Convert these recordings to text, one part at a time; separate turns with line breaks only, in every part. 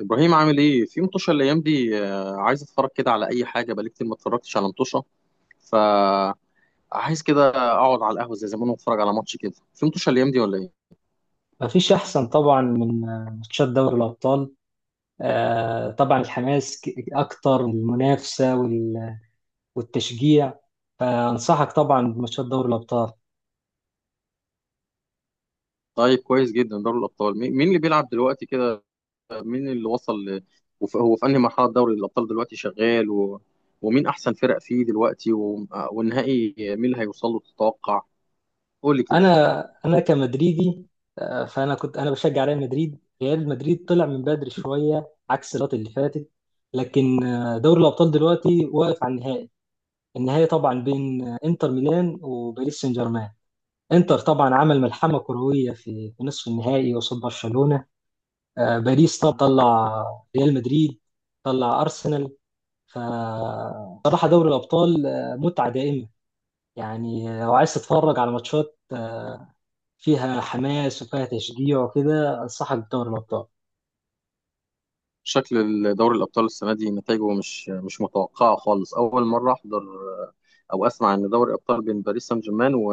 ابراهيم عامل ايه في مطوشه الايام دي؟ عايز اتفرج كده على اي حاجه، بقالي كتير ما اتفرجتش على مطوشه، فعايز كده اقعد على القهوه زي زمان واتفرج على ماتش كده في مطوشه الايام دي ولا ايه؟
مفيش أحسن طبعا من ماتشات دوري الأبطال. طبعا الحماس أكتر والمنافسة والتشجيع. فأنصحك طبعا بماتشات دوري الأبطال.
طيب كويس جدا. دوري الابطال، مين اللي بيلعب دلوقتي كده؟ مين اللي وصل ل... هو في انهي مرحله دوري الابطال دلوقتي شغال و... ومين احسن فرق فيه دلوقتي و... والنهائي مين اللي هيوصل له تتوقع؟ قول لي كده.
أنا كمدريدي، فأنا كنت أنا بشجع ريال مدريد. ريال مدريد طلع من بدري شوية عكس الوقت اللي فاتت. لكن دوري الأبطال دلوقتي واقف على النهائي. النهائي طبعا بين إنتر ميلان وباريس سان جيرمان. إنتر طبعا عمل ملحمة كروية في نصف النهائي قصاد برشلونة. باريس طب طلع ريال مدريد، طلع ارسنال. فصراحه دوري الابطال متعه دائمه. يعني لو عايز تتفرج على ماتشات فيها حماس وفيها تشجيع وكده، انصحك بدوري الابطال.
شكل دوري الأبطال السنة دي نتائجه مش متوقعة خالص. أول مرة أحضر أو أسمع إن دوري الأبطال بين باريس سان جيرمان و...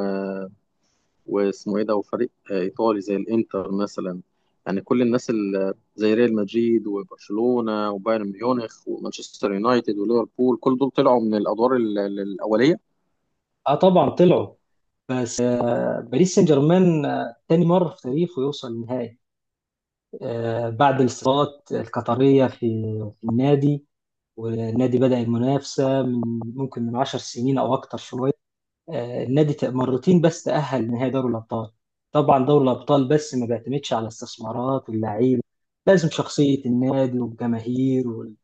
واسمه إيه ده، وفريق إيطالي زي الإنتر مثلا. يعني كل الناس اللي زي ريال مدريد وبرشلونة وبايرن ميونخ ومانشستر يونايتد وليفربول، كل دول طلعوا من الأدوار الأولية.
اه، طبعا طلعوا. بس باريس سان جيرمان تاني مره في تاريخه يوصل النهائي، بعد الاستثمارات القطريه في النادي. والنادي بدأ المنافسه من، ممكن، من 10 سنين او اكتر شويه. النادي مرتين بس تأهل نهائي دوري الأبطال. طبعا دوري الأبطال بس ما بيعتمدش على استثمارات واللعيبة، لازم شخصية النادي والجماهير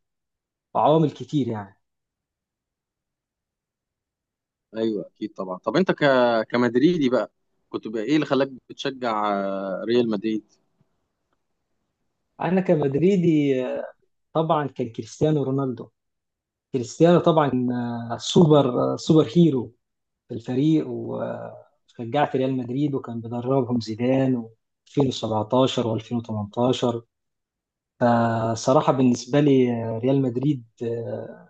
وعوامل كتير يعني.
أيوه، أكيد طبعا. طب أنت ك... كمدريدي بقى، كنت بقى إيه اللي خلاك بتشجع ريال مدريد؟
أنا كمدريدي، طبعا كان كريستيانو رونالدو. كريستيانو طبعا سوبر، سوبر هيرو في الفريق، وشجعت ريال مدريد وكان بيدربهم زيدان و 2017 و2018. فصراحة بالنسبة لي ريال مدريد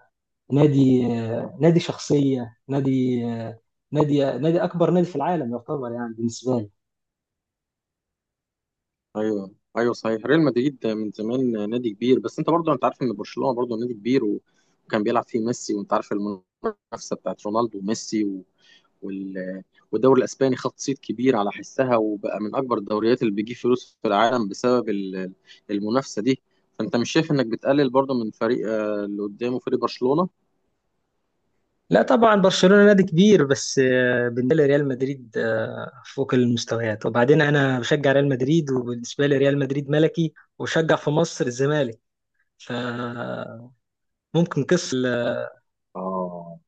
نادي، نادي شخصية، نادي، نادي أكبر نادي في العالم يعتبر يعني بالنسبة لي.
ايوه ايوه، صحيح، ريال مدريد من زمان نادي كبير، بس انت برضو انت عارف ان برشلونه برضو نادي كبير وكان بيلعب فيه ميسي، وانت عارف المنافسه بتاعت رونالدو وميسي و... وال... والدوري الاسباني خد صيت كبير على حسها، وبقى من اكبر الدوريات اللي بيجيب فلوس في العالم بسبب المنافسه دي. فانت مش شايف انك بتقلل برضو من فريق اللي قدامه فريق برشلونه؟
لا طبعا، برشلونة نادي كبير بس بالنسبة لي ريال مدريد فوق المستويات، وبعدين أنا بشجع ريال مدريد وبالنسبة لي ريال مدريد ملكي، وشجع في مصر الزمالك، فممكن قصة ال-
اه،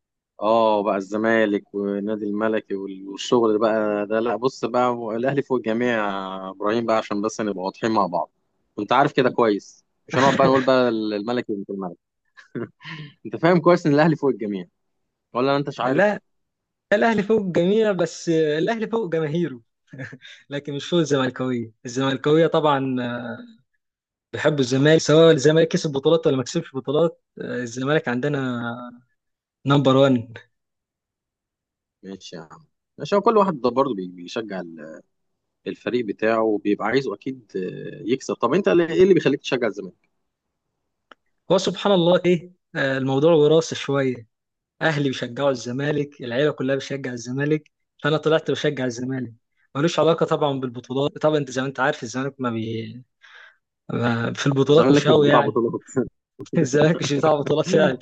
اه بقى الزمالك والنادي الملكي وال- والشغل بقى ده، لا بص بقى، هو الاهلي فوق الجميع يا ابراهيم بقى، عشان بس نبقى واضحين مع بعض. انت عارف كده كويس، مش هنقعد بقى نقول بقى الملكي وانت الملك. انت فاهم كويس ان الاهلي فوق الجميع، ولا انت مش عارف؟
لا، الأهلي فوق الجميع بس الأهلي فوق جماهيره، لكن مش فوق الزمالكوية. الزمالكوية طبعا بحب الزمالك، سواء الزمالك كسب بطولات ولا ما كسبش بطولات. الزمالك عندنا نمبر 1.
ماشي يا عم، ماشي. هو كل واحد ده برضه بيشجع الفريق بتاعه، وبيبقى عايزه اكيد يكسب. طب انت ايه اللي بيخليك تشجع الزمالك؟
هو سبحان الله، ايه، الموضوع وراثي شويه. اهلي بيشجعوا الزمالك، العيله كلها بتشجع الزمالك، فانا طلعت بشجع الزمالك. ملوش علاقه طبعا بالبطولات. طبعا انت زي ما انت عارف الزمالك ما في البطولات
الزمالك
مش
مش
قوي
بتاع
يعني.
بطولات.
الزمالك مش بتاع بطولات فعلا.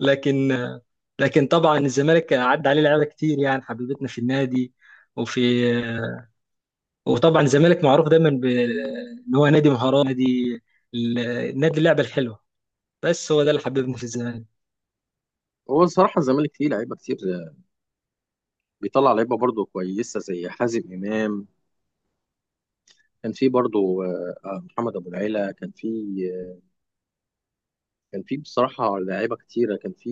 لكن آه، لكن، طبعا الزمالك عدى عليه لعيبه كتير يعني، حبيبتنا في النادي وفي. وطبعا الزمالك معروف دايما ان هو نادي مهارات، نادي اللعبه الحلوه، بس هو ده اللي حببني في الزمالك.
هو الصراحه الزمالك فيه لعيبه كتير، بيطلع لعيبه برضه كويسه زي حازم امام. كان في برضو، محمد ابو العيلة كان في، آه، كان في بصراحة لعيبة كتيرة. كان في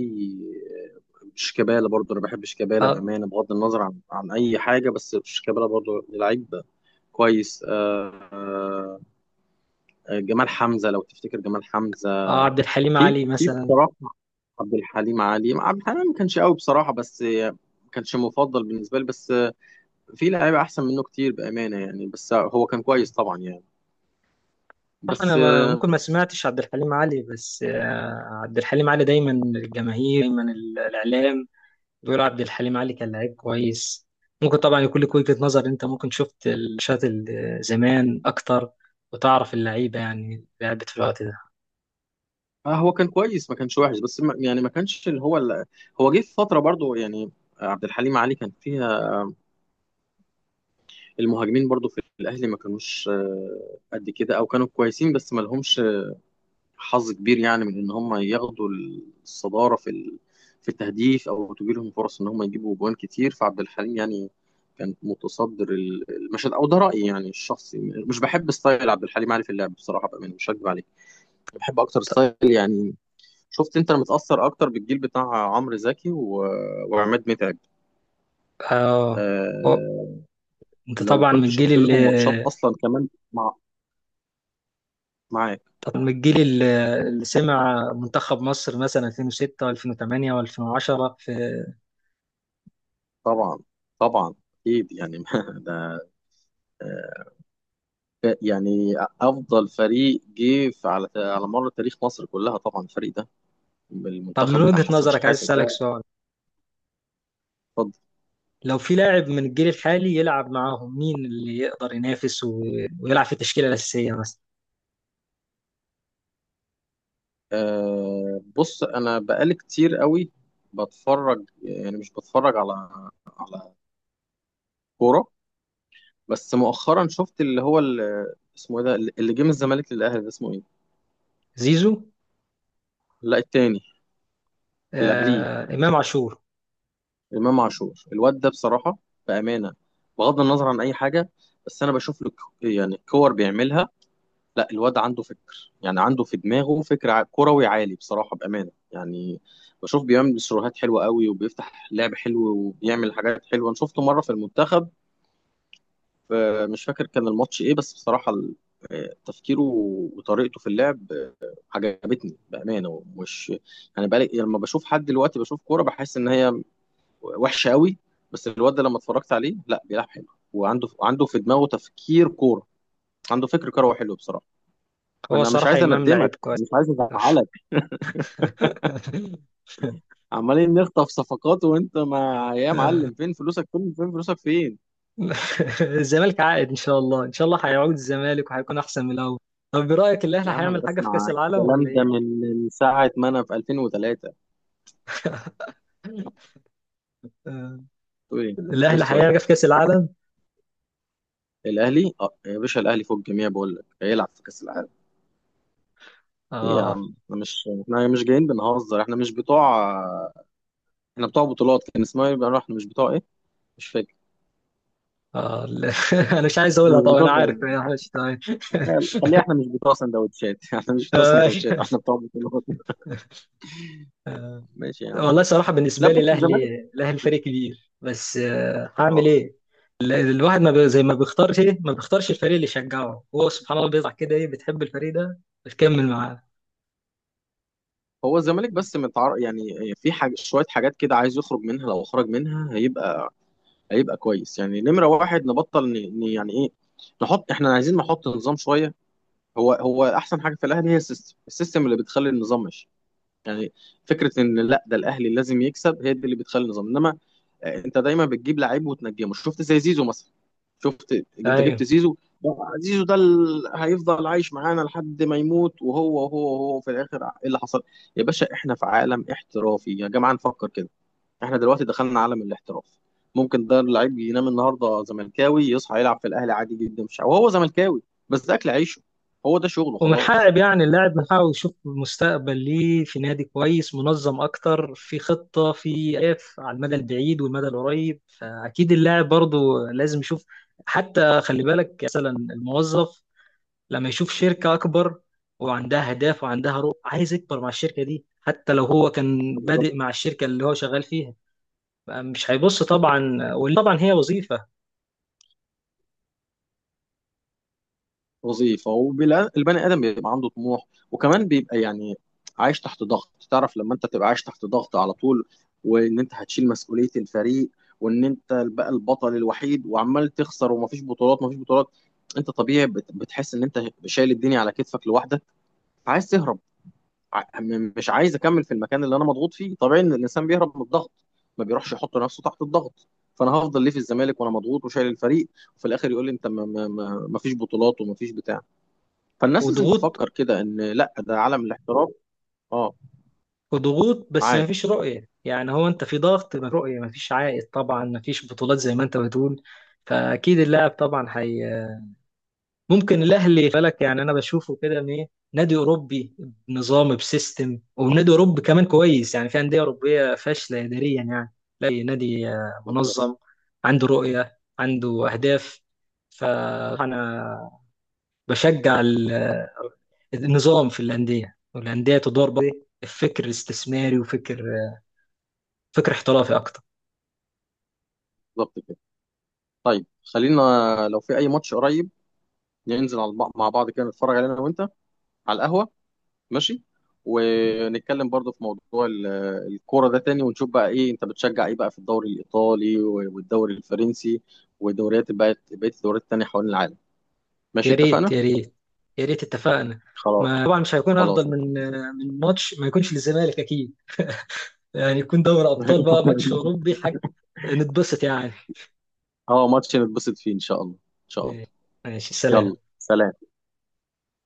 آه، شيكابالا، برضو انا بحب شيكابالا
اه،
بأمانة، بغض النظر عن اي حاجة، بس شيكابالا برضو لعيب كويس. جمال حمزة، لو تفتكر جمال حمزة.
عبد الحليم
في
علي
في
مثلا.
بصراحة عبد الحليم علي، عبد الحليم ما كانش قوي بصراحة، بس ما كانش مفضل بالنسبة لي، بس في لعيبة احسن منه كتير بأمانة يعني، بس هو كان كويس طبعا يعني.
صح،
بس
انا ما ممكن ما سمعتش عبد الحليم علي بس عبد الحليم علي دايما الجماهير، دايما الاعلام بيقول عبد الحليم علي كان لعيب كويس. ممكن طبعا يكون لك وجهة نظر، انت ممكن شفت الماتشات زمان اكتر وتعرف اللعيبه يعني لعبت في الوقت ده.
هو كان كويس، ما كانش وحش، بس ما يعني ما كانش اللي هو هو جه في فتره برضو يعني، عبد الحليم علي كان فيها المهاجمين برضو في الاهلي ما كانوش قد كده، او كانوا كويسين بس ما لهمش حظ كبير يعني، من ان هم ياخدوا الصداره في في التهديف، او تجي لهم فرص ان هم يجيبوا جوان كتير. فعبد الحليم يعني كان متصدر المشهد، او ده رايي يعني الشخصي. مش بحب ستايل عبد الحليم علي في اللعب بصراحه بقى، مش هكذب عليك، بحب اكتر
طب،
ستايل يعني. شفت انت؟ انا متأثر اكتر بالجيل بتاع عمرو زكي و... وعماد متعب.
اه، و-
آه...
انت
لو
طبعا من
كنت
الجيل
شفت
اللي.
لهم ماتشات اصلا كمان مع... معاك.
طب من الجيل اللي سمع منتخب مصر مثلا 2006 و2008 و2010، في...
طبعا، طبعا، اكيد يعني. ده آه، يعني افضل فريق جه على مر تاريخ مصر كلها طبعا، الفريق ده،
طب من
المنتخب بتاع
وجهة
حسن
نظرك، عايز
شحاته
أسألك
ده.
سؤال:
اتفضل.
لو في لاعب من الجيل الحالي يلعب معاهم، مين اللي يقدر ينافس و... ويلعب في التشكيلة الأساسية مثلا؟
آه بص، انا بقالي كتير قوي بتفرج، يعني مش بتفرج على كوره، بس مؤخرا شفت اللي هو اسمه ايه ده اللي جه من الزمالك للاهلي، ده اسمه ايه؟
زيزو.
لا، التاني، اللي قبليه.
إمام عاشور.
امام عاشور، الواد ده بصراحه، بامانه، بغض النظر عن اي حاجه، بس انا بشوف له يعني الكور بيعملها، لا الواد عنده فكر، يعني عنده في دماغه فكر كروي عالي بصراحه بامانه يعني. بشوف بيعمل سيروهات حلوه قوي، وبيفتح لعب حلو، وبيعمل حاجات حلوه. انا شفته مره في المنتخب، مش فاكر كان الماتش ايه، بس بصراحه تفكيره وطريقته في اللعب عجبتني بامانه. مش يعني، بقالي يعني لما بشوف حد دلوقتي بشوف كوره بحس ان هي وحشه قوي، بس الواد ده لما اتفرجت عليه، لا بيلعب حلو، وعنده في دماغه تفكير كوره، عنده فكر كروي حلو بصراحه. ما
هو
انا مش
صراحة
عايز
إمام
اندمك،
لعيب كويس.
مش عايز ازعلك. عمالين نخطف صفقات وانت ما، يا معلم، فين فلوسك فين، فين فلوسك فين؟
الزمالك عائد إن شاء الله، إن شاء الله هيعود الزمالك وهيكون أحسن من الأول. طب برأيك الأهلي
يا عم انا
هيعمل حاجة في
بسمع
كأس العالم ولا
الكلام ده
إيه؟
من ساعه ما انا في 2003. تقول ايه؟ ايه
الاهلي
السؤال؟
هيلعب في كاس العالم.
الاهلي؟ اه يا باشا، الاهلي فوق الجميع، بقول لك هيلعب في كاس العالم. ايه يا
اه.
عم، احنا مش جايين بنهزر، احنا مش بتوع، احنا بتوع بطولات. كان اسمها ايه بقى؟ احنا مش بتوع ايه، مش فاكر.
اه، لا. انا مش عايز
احنا
اقولها،
مش
طبعا انا
بتوع،
عارف انا مش تمام.
خليها، احنا مش بتوع سندوتشات. احنا مش بتوع
آه،
سندوتشات، احنا بتوع بطولات.
آه،
ماشي يا عم.
والله صراحه
لا
بالنسبه لي
بس الزمالك،
الاهلي فريق كبير بس هعمل
اه،
ايه. الواحد ما بي- زي ما بيختارش، الفريق اللي يشجعه، هو سبحان الله بيطلع كده، ايه، بتحب الفريق ده بتكمل معاه.
هو الزمالك بس متعر... يعني في حاجة، شوية حاجات كده عايز يخرج منها، لو خرج منها هيبقى، هيبقى كويس يعني. نمرة واحد، نبطل ن... ن... يعني ايه، نحط، احنا عايزين نحط نظام شوية. هو احسن حاجة في الاهلي هي السيستم، السيستم اللي بتخلي النظام ماشي يعني، فكره ان لا ده الاهلي لازم يكسب، هي دي اللي بتخلي النظام. انما انت دايما بتجيب لعيب وتنجمه. شفت زي زيزو مثلا؟ شفت، انت جبت
ايوه،
زيزو، زيزو ده هيفضل عايش معانا لحد ما يموت، وهو في الاخر ايه اللي حصل؟ يا باشا، احنا في عالم احترافي يا جماعه، نفكر كده، احنا دلوقتي دخلنا عالم الاحتراف. ممكن ده اللعيب ينام النهارده زملكاوي يصحى يلعب في الاهلي عادي جدا، مش وهو زملكاوي، بس ده اكل عيشه، هو ده شغله
ومن
خلاص.
حقق يعني اللاعب من حقه يشوف مستقبل ليه في نادي كويس منظم اكتر، في خطة، في اهداف على المدى البعيد والمدى القريب، فاكيد اللاعب برضه لازم يشوف. حتى خلي بالك مثلا الموظف، لما يشوف شركة اكبر وعندها اهداف وعندها رؤى، عايز يكبر مع الشركة دي حتى لو هو كان
بالظبط.
بادئ مع الشركة اللي هو شغال فيها. مش هيبص طبعا، وطبعا هي وظيفة.
وظيفه، والبني ادم بيبقى عنده طموح، وكمان بيبقى يعني عايش تحت ضغط. تعرف لما انت تبقى عايش تحت ضغط على طول، وان انت هتشيل مسؤوليه الفريق، وان انت بقى البطل الوحيد، وعمال تخسر ومفيش بطولات، مفيش بطولات، انت طبيعي بتحس ان انت شايل الدنيا على كتفك لوحدك، عايز تهرب. مش عايز اكمل في المكان اللي انا مضغوط فيه، طبيعي ان الانسان بيهرب من الضغط، ما بيروحش يحط نفسه تحت الضغط. فانا هفضل ليه في الزمالك وانا مضغوط وشايل الفريق، وفي الاخر يقول لي انت مفيش بطولات ومفيش بتاع. فالناس لازم
وضغوط
تفكر كده ان لا ده عالم الاحتراف. اه،
وضغوط بس ما
معاك.
فيش رؤية، يعني هو انت في ضغط، من رؤية ما فيش عائد طبعا، ما فيش بطولات زي ما انت بتقول. فاكيد اللاعب طبعا حي. ممكن الاهلي بالك يعني، انا بشوفه كده ان ايه: نادي اوروبي بنظام، بسيستم، ونادي اوروبي كمان كويس، يعني في انديه اوروبيه فاشله اداريا يعني. لا، نادي
بالظبط،
منظم، عنده رؤيه، عنده اهداف. فانا بشجع النظام في الانديه، والانديه تدار بقى بفكر استثماري، وفكر، فكر احترافي اكتر.
بالظبط كده. طيب خلينا، لو في اي ماتش قريب، ننزل على مع بعض كده نتفرج عليه انا وانت، على القهوه، ماشي، ونتكلم برضو في موضوع الكوره ده تاني، ونشوف بقى ايه انت بتشجع ايه بقى في الدوري الايطالي والدوري الفرنسي والدوريات بقى، بقيه الدوريات التانيه حوالين العالم. ماشي،
يا ريت،
اتفقنا.
يا ريت، يا ريت اتفقنا.
خلاص،
ما طبعا مش هيكون
خلاص.
افضل من ماتش ما يكونش للزمالك اكيد. يعني يكون دوري ابطال بقى، ماتش اوروبي، حاجه نتبسط يعني.
اه، ماتش نتبسط فيه ان شاء الله، ان شاء الله.
ماشي،
يلا
سلام.
سلام.